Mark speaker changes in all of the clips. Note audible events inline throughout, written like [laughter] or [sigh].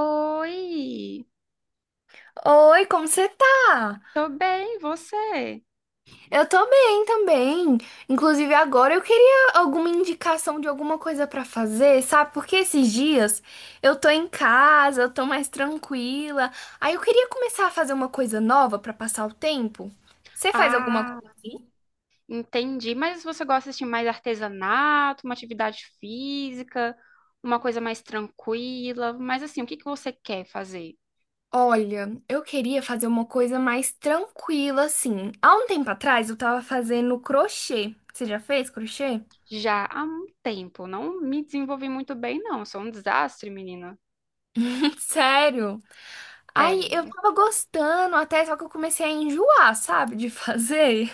Speaker 1: Oi,
Speaker 2: Oi, como você tá?
Speaker 1: tô bem, você?
Speaker 2: Eu tô bem também. Inclusive, agora eu queria alguma indicação de alguma coisa pra fazer, sabe? Porque esses dias eu tô em casa, eu tô mais tranquila. Aí eu queria começar a fazer uma coisa nova pra passar o tempo. Você faz alguma
Speaker 1: Ah,
Speaker 2: coisa assim?
Speaker 1: entendi. Mas você gosta de mais artesanato, uma atividade física, uma coisa mais tranquila? Mas assim, o que que você quer fazer?
Speaker 2: Olha, eu queria fazer uma coisa mais tranquila assim. Há um tempo atrás eu tava fazendo crochê. Você já fez crochê?
Speaker 1: Já há um tempo, não me desenvolvi muito bem, não. Sou um desastre, menina.
Speaker 2: [laughs] Sério? Aí eu
Speaker 1: Sério,
Speaker 2: tava gostando até, só que eu comecei a enjoar, sabe, de [laughs] fazer.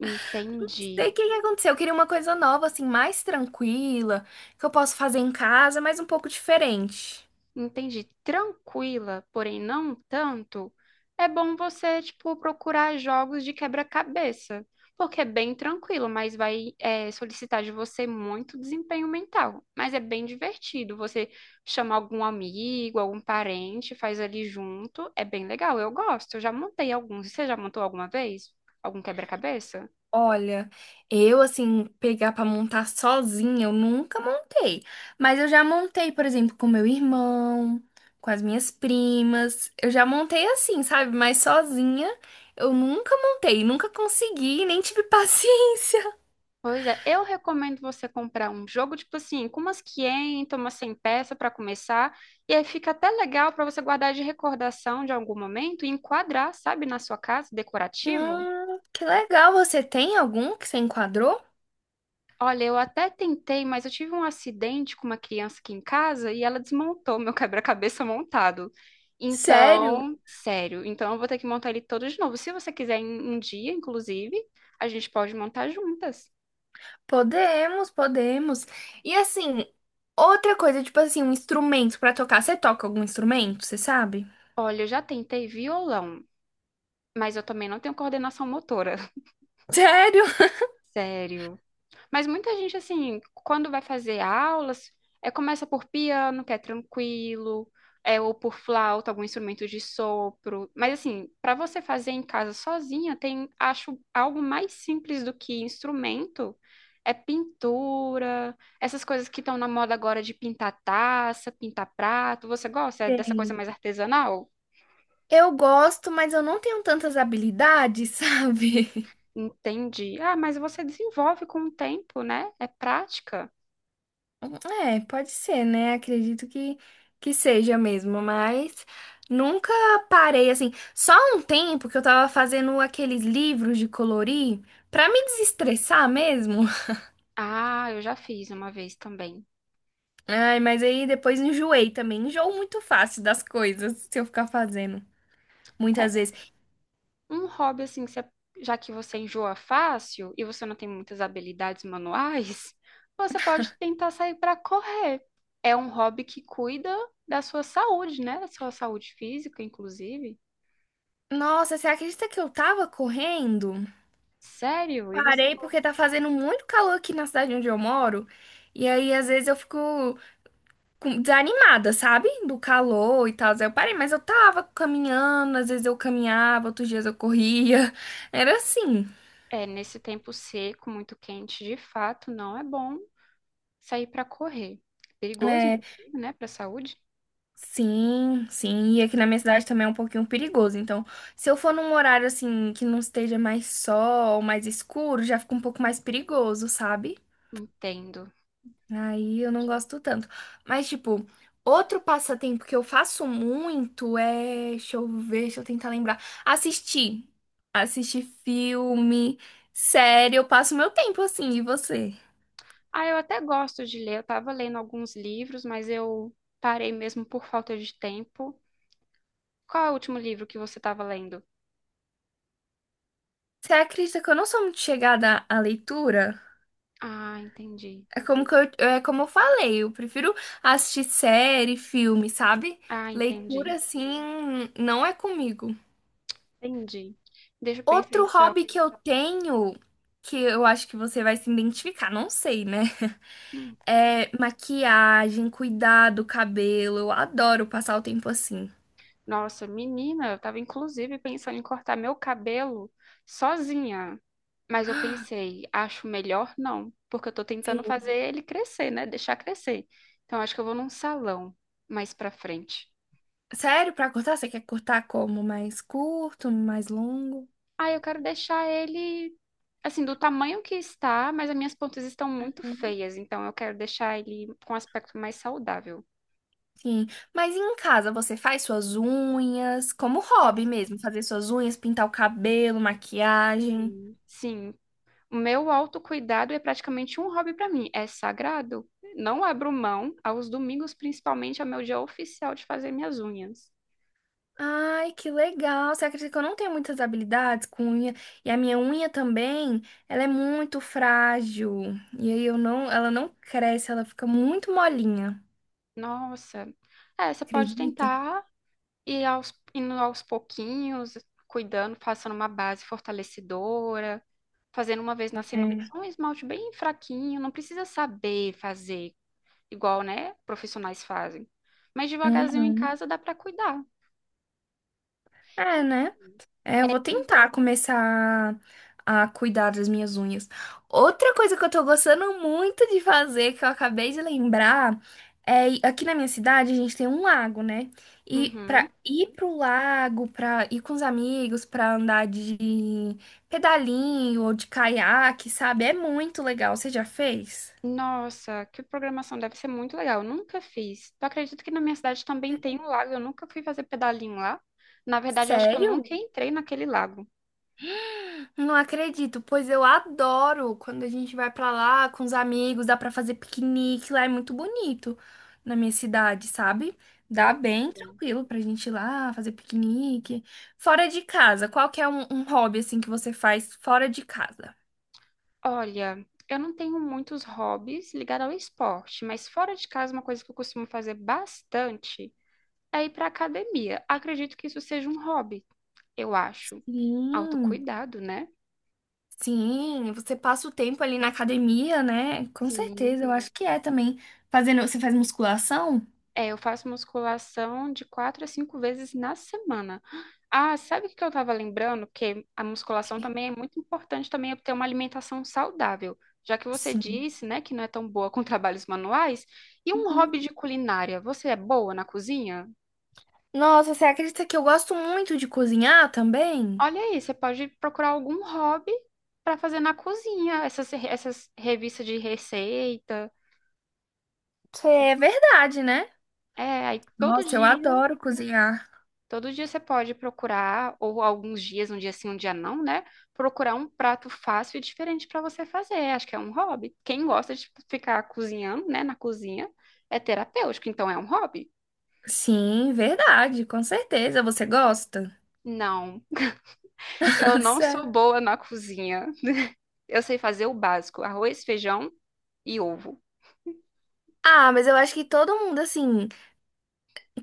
Speaker 1: entendi.
Speaker 2: Sei o que que aconteceu. Eu queria uma coisa nova, assim, mais tranquila, que eu posso fazer em casa, mas um pouco diferente.
Speaker 1: Tranquila, porém não tanto, é bom você, tipo, procurar jogos de quebra-cabeça, porque é bem tranquilo, mas vai, solicitar de você muito desempenho mental. Mas é bem divertido, você chama algum amigo, algum parente, faz ali junto, é bem legal, eu gosto, eu já montei alguns. Você já montou alguma vez? Algum quebra-cabeça?
Speaker 2: Olha, eu, assim, pegar pra montar sozinha, eu nunca montei. Mas eu já montei, por exemplo, com meu irmão, com as minhas primas. Eu já montei assim, sabe, mas sozinha. Eu nunca montei, nunca consegui, nem tive [laughs] paciência.
Speaker 1: Pois é, eu recomendo você comprar um jogo, tipo assim, com umas 500, umas 100 peças para começar, e aí fica até legal para você guardar de recordação de algum momento e enquadrar, sabe, na sua casa, decorativo.
Speaker 2: Que legal, você tem algum que você enquadrou?
Speaker 1: Olha, eu até tentei, mas eu tive um acidente com uma criança aqui em casa e ela desmontou meu [laughs] quebra-cabeça montado.
Speaker 2: Sério?
Speaker 1: Então, sério, então eu vou ter que montar ele todo de novo. Se você quiser em um dia, inclusive, a gente pode montar juntas.
Speaker 2: Podemos, podemos. E assim, outra coisa, tipo assim, um instrumento pra tocar. Você toca algum instrumento, você sabe?
Speaker 1: Olha, eu já tentei violão, mas eu também não tenho coordenação motora.
Speaker 2: Sério?
Speaker 1: Sério. Mas muita gente, assim, quando vai fazer aulas, começa por piano, que é tranquilo, ou por flauta, algum instrumento de sopro. Mas, assim, para você fazer em casa sozinha, tem, acho, algo mais simples do que instrumento. É pintura, essas coisas que estão na moda agora de pintar taça, pintar prato. Você gosta dessa coisa
Speaker 2: Sei.
Speaker 1: mais artesanal?
Speaker 2: Eu gosto, mas eu não tenho tantas habilidades, [laughs] sabe?
Speaker 1: Entendi. Ah, mas você desenvolve com o tempo, né? É prática.
Speaker 2: É, pode ser, né? Acredito que seja mesmo, mas nunca parei assim. Só um tempo que eu tava fazendo aqueles livros de colorir pra me desestressar mesmo.
Speaker 1: Ah, eu já fiz uma vez também.
Speaker 2: Ai, mas aí depois enjoei também. Enjoo muito fácil das coisas se eu ficar fazendo.
Speaker 1: É,
Speaker 2: Muitas vezes.
Speaker 1: um hobby assim, já que você enjoa fácil e você não tem muitas habilidades manuais, [laughs] você pode tentar sair para correr. É um hobby que cuida da sua saúde, né? Da sua saúde física, inclusive.
Speaker 2: Nossa, você acredita que eu tava correndo?
Speaker 1: Sério?
Speaker 2: Parei porque tá fazendo muito calor aqui na cidade onde eu moro. E aí, às vezes, eu fico desanimada, sabe? Do calor e tal. Aí eu parei, mas eu tava caminhando, às vezes eu caminhava, outros dias eu corria. Era assim.
Speaker 1: É nesse tempo seco, muito quente, de fato, não é bom sair para correr. Perigoso,
Speaker 2: É,
Speaker 1: inclusive, né, para a saúde?
Speaker 2: sim, sim, e aqui na minha cidade também é um pouquinho perigoso. Então, se eu for num horário assim que não esteja mais sol, mais escuro, já fica um pouco mais perigoso, sabe?
Speaker 1: Entendo.
Speaker 2: Aí eu não gosto tanto. Mas, tipo, outro passatempo que eu faço muito é. Deixa eu ver, deixa eu tentar lembrar. Assistir. Assistir filme, série, eu passo meu tempo assim, e você?
Speaker 1: Ah, eu até gosto de ler. Eu tava lendo alguns livros, mas eu parei mesmo por falta de tempo. Qual é o último livro que você estava lendo?
Speaker 2: Você acredita que eu não sou muito chegada à leitura?
Speaker 1: Ah, entendi.
Speaker 2: É como que eu, é como eu falei, eu prefiro assistir série, filme, sabe?
Speaker 1: Ah,
Speaker 2: Leitura,
Speaker 1: entendi.
Speaker 2: assim, não é comigo.
Speaker 1: Entendi. Deixa eu pensar
Speaker 2: Outro
Speaker 1: então.
Speaker 2: hobby que eu tenho, que eu acho que você vai se identificar, não sei, né?
Speaker 1: Hum.
Speaker 2: É maquiagem, cuidar do cabelo. Eu adoro passar o tempo assim.
Speaker 1: Nossa, menina, eu tava inclusive pensando em cortar meu cabelo sozinha. Mas eu pensei, acho melhor não, porque eu tô tentando
Speaker 2: Sim.
Speaker 1: fazer ele crescer, né? Deixar crescer. Então acho que eu vou num salão mais pra frente.
Speaker 2: Sério, pra cortar? Você quer cortar como? Mais curto, mais longo?
Speaker 1: Ah, eu quero deixar ele assim, do tamanho que está, mas as minhas pontas estão muito feias, então eu quero deixar ele com um aspecto mais saudável.
Speaker 2: Sim, mas em casa você faz suas unhas, como hobby
Speaker 1: Nossa,
Speaker 2: mesmo, fazer suas unhas, pintar o cabelo, maquiagem.
Speaker 1: sim. Sim, o meu autocuidado é praticamente um hobby para mim, é sagrado. Não abro mão, aos domingos principalmente, é o meu dia oficial de fazer minhas unhas.
Speaker 2: Ai, que legal! Você acredita que eu não tenho muitas habilidades com unha? E a minha unha também, ela é muito frágil. E aí eu não, ela não cresce, ela fica muito molinha.
Speaker 1: Nossa, é, você pode
Speaker 2: Acredita?
Speaker 1: tentar indo aos pouquinhos, cuidando, passando uma base fortalecedora, fazendo uma vez na semana,
Speaker 2: É.
Speaker 1: só um esmalte bem fraquinho, não precisa saber fazer. Igual, né, profissionais fazem. Mas devagarzinho em
Speaker 2: Uhum.
Speaker 1: casa dá para cuidar.
Speaker 2: É, né? É, eu vou tentar começar a cuidar das minhas unhas. Outra coisa que eu tô gostando muito de fazer, que eu acabei de lembrar, é aqui na minha cidade a gente tem um lago, né? E pra
Speaker 1: Uhum.
Speaker 2: ir pro lago, pra ir com os amigos, pra andar de pedalinho ou de caiaque, sabe? É muito legal. Você já fez?
Speaker 1: Nossa, que programação deve ser muito legal. Eu nunca fiz. Eu acredito que na minha cidade também tem um lago. Eu nunca fui fazer pedalinho lá. Na verdade, eu acho que eu
Speaker 2: Sério?
Speaker 1: nunca entrei naquele lago.
Speaker 2: Não acredito, pois eu adoro quando a gente vai pra lá com os amigos, dá pra fazer piquenique, lá é muito bonito na minha cidade, sabe? Dá
Speaker 1: Nossa.
Speaker 2: bem tranquilo pra gente ir lá fazer piquenique. Fora de casa, qual que é um hobby assim que você faz fora de casa?
Speaker 1: Olha, eu não tenho muitos hobbies ligados ao esporte, mas fora de casa, uma coisa que eu costumo fazer bastante é ir para academia. Acredito que isso seja um hobby, eu acho.
Speaker 2: Sim,
Speaker 1: Autocuidado, né?
Speaker 2: sim, você passa o tempo ali na academia, né? Com certeza,
Speaker 1: Sim.
Speaker 2: eu acho que é também. Fazendo, você faz musculação?
Speaker 1: É, eu faço musculação de 4 a 5 vezes na semana. Ah, sabe o que eu estava lembrando? Que a musculação também é muito importante também é ter uma alimentação saudável. Já que você
Speaker 2: Sim.
Speaker 1: disse, né, que não é tão boa com [laughs] trabalhos manuais, e um
Speaker 2: Uhum.
Speaker 1: hobby de culinária, você é boa na cozinha?
Speaker 2: Nossa, você acredita que eu gosto muito de cozinhar também?
Speaker 1: Olha aí, você pode procurar algum hobby para fazer na cozinha, essas revistas de receita.
Speaker 2: Que é verdade, né?
Speaker 1: É, aí todo
Speaker 2: Nossa, eu
Speaker 1: dia.
Speaker 2: adoro cozinhar.
Speaker 1: Todo dia você pode procurar, ou alguns dias, um dia sim, um dia não, né? Procurar um prato fácil e diferente para você fazer. Acho que é um hobby. Quem gosta de ficar cozinhando, né, na cozinha, é terapêutico, então é um hobby.
Speaker 2: Sim, verdade, com certeza. Você gosta?
Speaker 1: Não, eu
Speaker 2: [laughs]
Speaker 1: não sou
Speaker 2: Sério.
Speaker 1: boa na cozinha. Eu sei fazer o básico, arroz, feijão e ovo.
Speaker 2: Ah, mas eu acho que todo mundo, assim,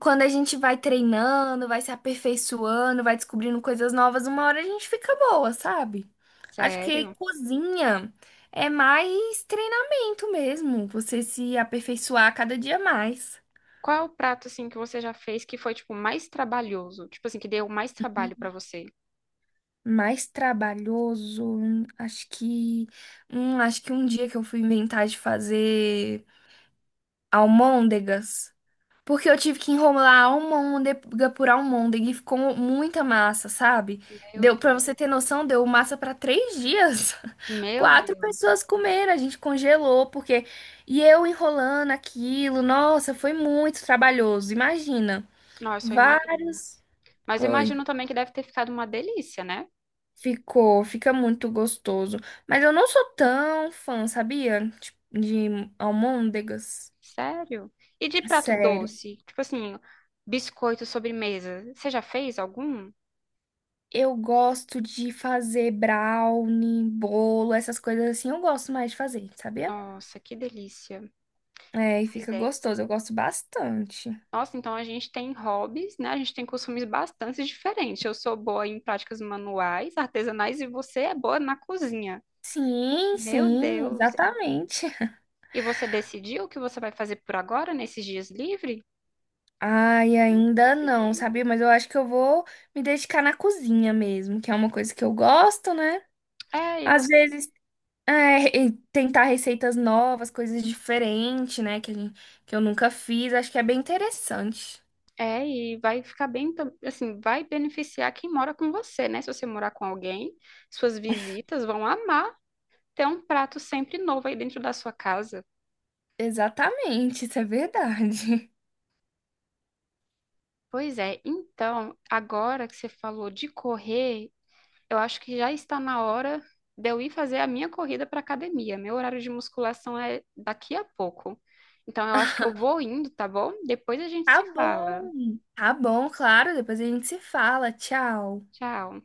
Speaker 2: quando a gente vai treinando, vai se aperfeiçoando, vai descobrindo coisas novas, uma hora a gente fica boa, sabe? Acho que
Speaker 1: Sério?
Speaker 2: cozinha é mais treinamento mesmo, você se aperfeiçoar cada dia mais.
Speaker 1: Qual é o prato assim que você já fez que foi tipo mais trabalhoso? Tipo assim, que deu mais trabalho para você?
Speaker 2: Mais trabalhoso, acho que um dia que eu fui inventar de fazer. Almôndegas. Porque eu tive que enrolar a almôndega por almôndega e ficou muita massa, sabe?
Speaker 1: Meu
Speaker 2: Deu pra
Speaker 1: Deus.
Speaker 2: você ter noção, deu massa pra 3 dias. [laughs]
Speaker 1: Meu
Speaker 2: Quatro
Speaker 1: Deus.
Speaker 2: pessoas comeram, a gente congelou, porque. E eu enrolando aquilo, nossa, foi muito trabalhoso. Imagina,
Speaker 1: Nossa, eu imagino.
Speaker 2: vários.
Speaker 1: Mas eu
Speaker 2: Foi.
Speaker 1: imagino também que deve ter ficado uma delícia, né?
Speaker 2: Ficou, fica muito gostoso. Mas eu não sou tão fã, sabia? Tipo, de almôndegas.
Speaker 1: Sério. E de prato
Speaker 2: Sério.
Speaker 1: doce? Tipo assim, biscoito sobremesa. Você já fez algum?
Speaker 2: Eu gosto de fazer brownie, bolo, essas coisas assim. Eu gosto mais de fazer, sabia?
Speaker 1: Nossa, que delícia.
Speaker 2: É, e
Speaker 1: Pois
Speaker 2: fica
Speaker 1: é.
Speaker 2: gostoso. Eu gosto bastante.
Speaker 1: Nossa, então a gente tem hobbies, né? A gente tem costumes bastante diferentes. Eu sou boa em práticas manuais, artesanais, e você é boa na cozinha.
Speaker 2: Sim,
Speaker 1: Meu
Speaker 2: sim,
Speaker 1: Deus.
Speaker 2: exatamente. [laughs]
Speaker 1: E você decidiu o que você vai fazer por agora, nesses dias livres?
Speaker 2: Ai, ainda não,
Speaker 1: Decidi.
Speaker 2: sabia? Mas eu acho que eu vou me dedicar na cozinha mesmo, que é uma coisa que eu gosto, né?
Speaker 1: É, e
Speaker 2: Às
Speaker 1: você
Speaker 2: vezes, é, e tentar receitas novas, coisas diferentes, né? Que, a gente, que eu nunca fiz. Acho que é bem interessante.
Speaker 1: É, e vai ficar bem, assim, vai beneficiar quem mora com você, né? Se você morar com alguém, suas visitas vão amar ter um prato sempre novo aí dentro da sua casa.
Speaker 2: Exatamente, isso é verdade.
Speaker 1: Pois é, então, agora que você falou de correr, eu acho que já está na hora de eu ir fazer a minha corrida para academia. Meu horário de musculação é daqui a pouco. Então, eu acho que eu vou indo, tá bom? Depois a gente
Speaker 2: Tá
Speaker 1: se fala.
Speaker 2: bom. Tá bom, claro. Depois a gente se fala. Tchau.
Speaker 1: Tchau.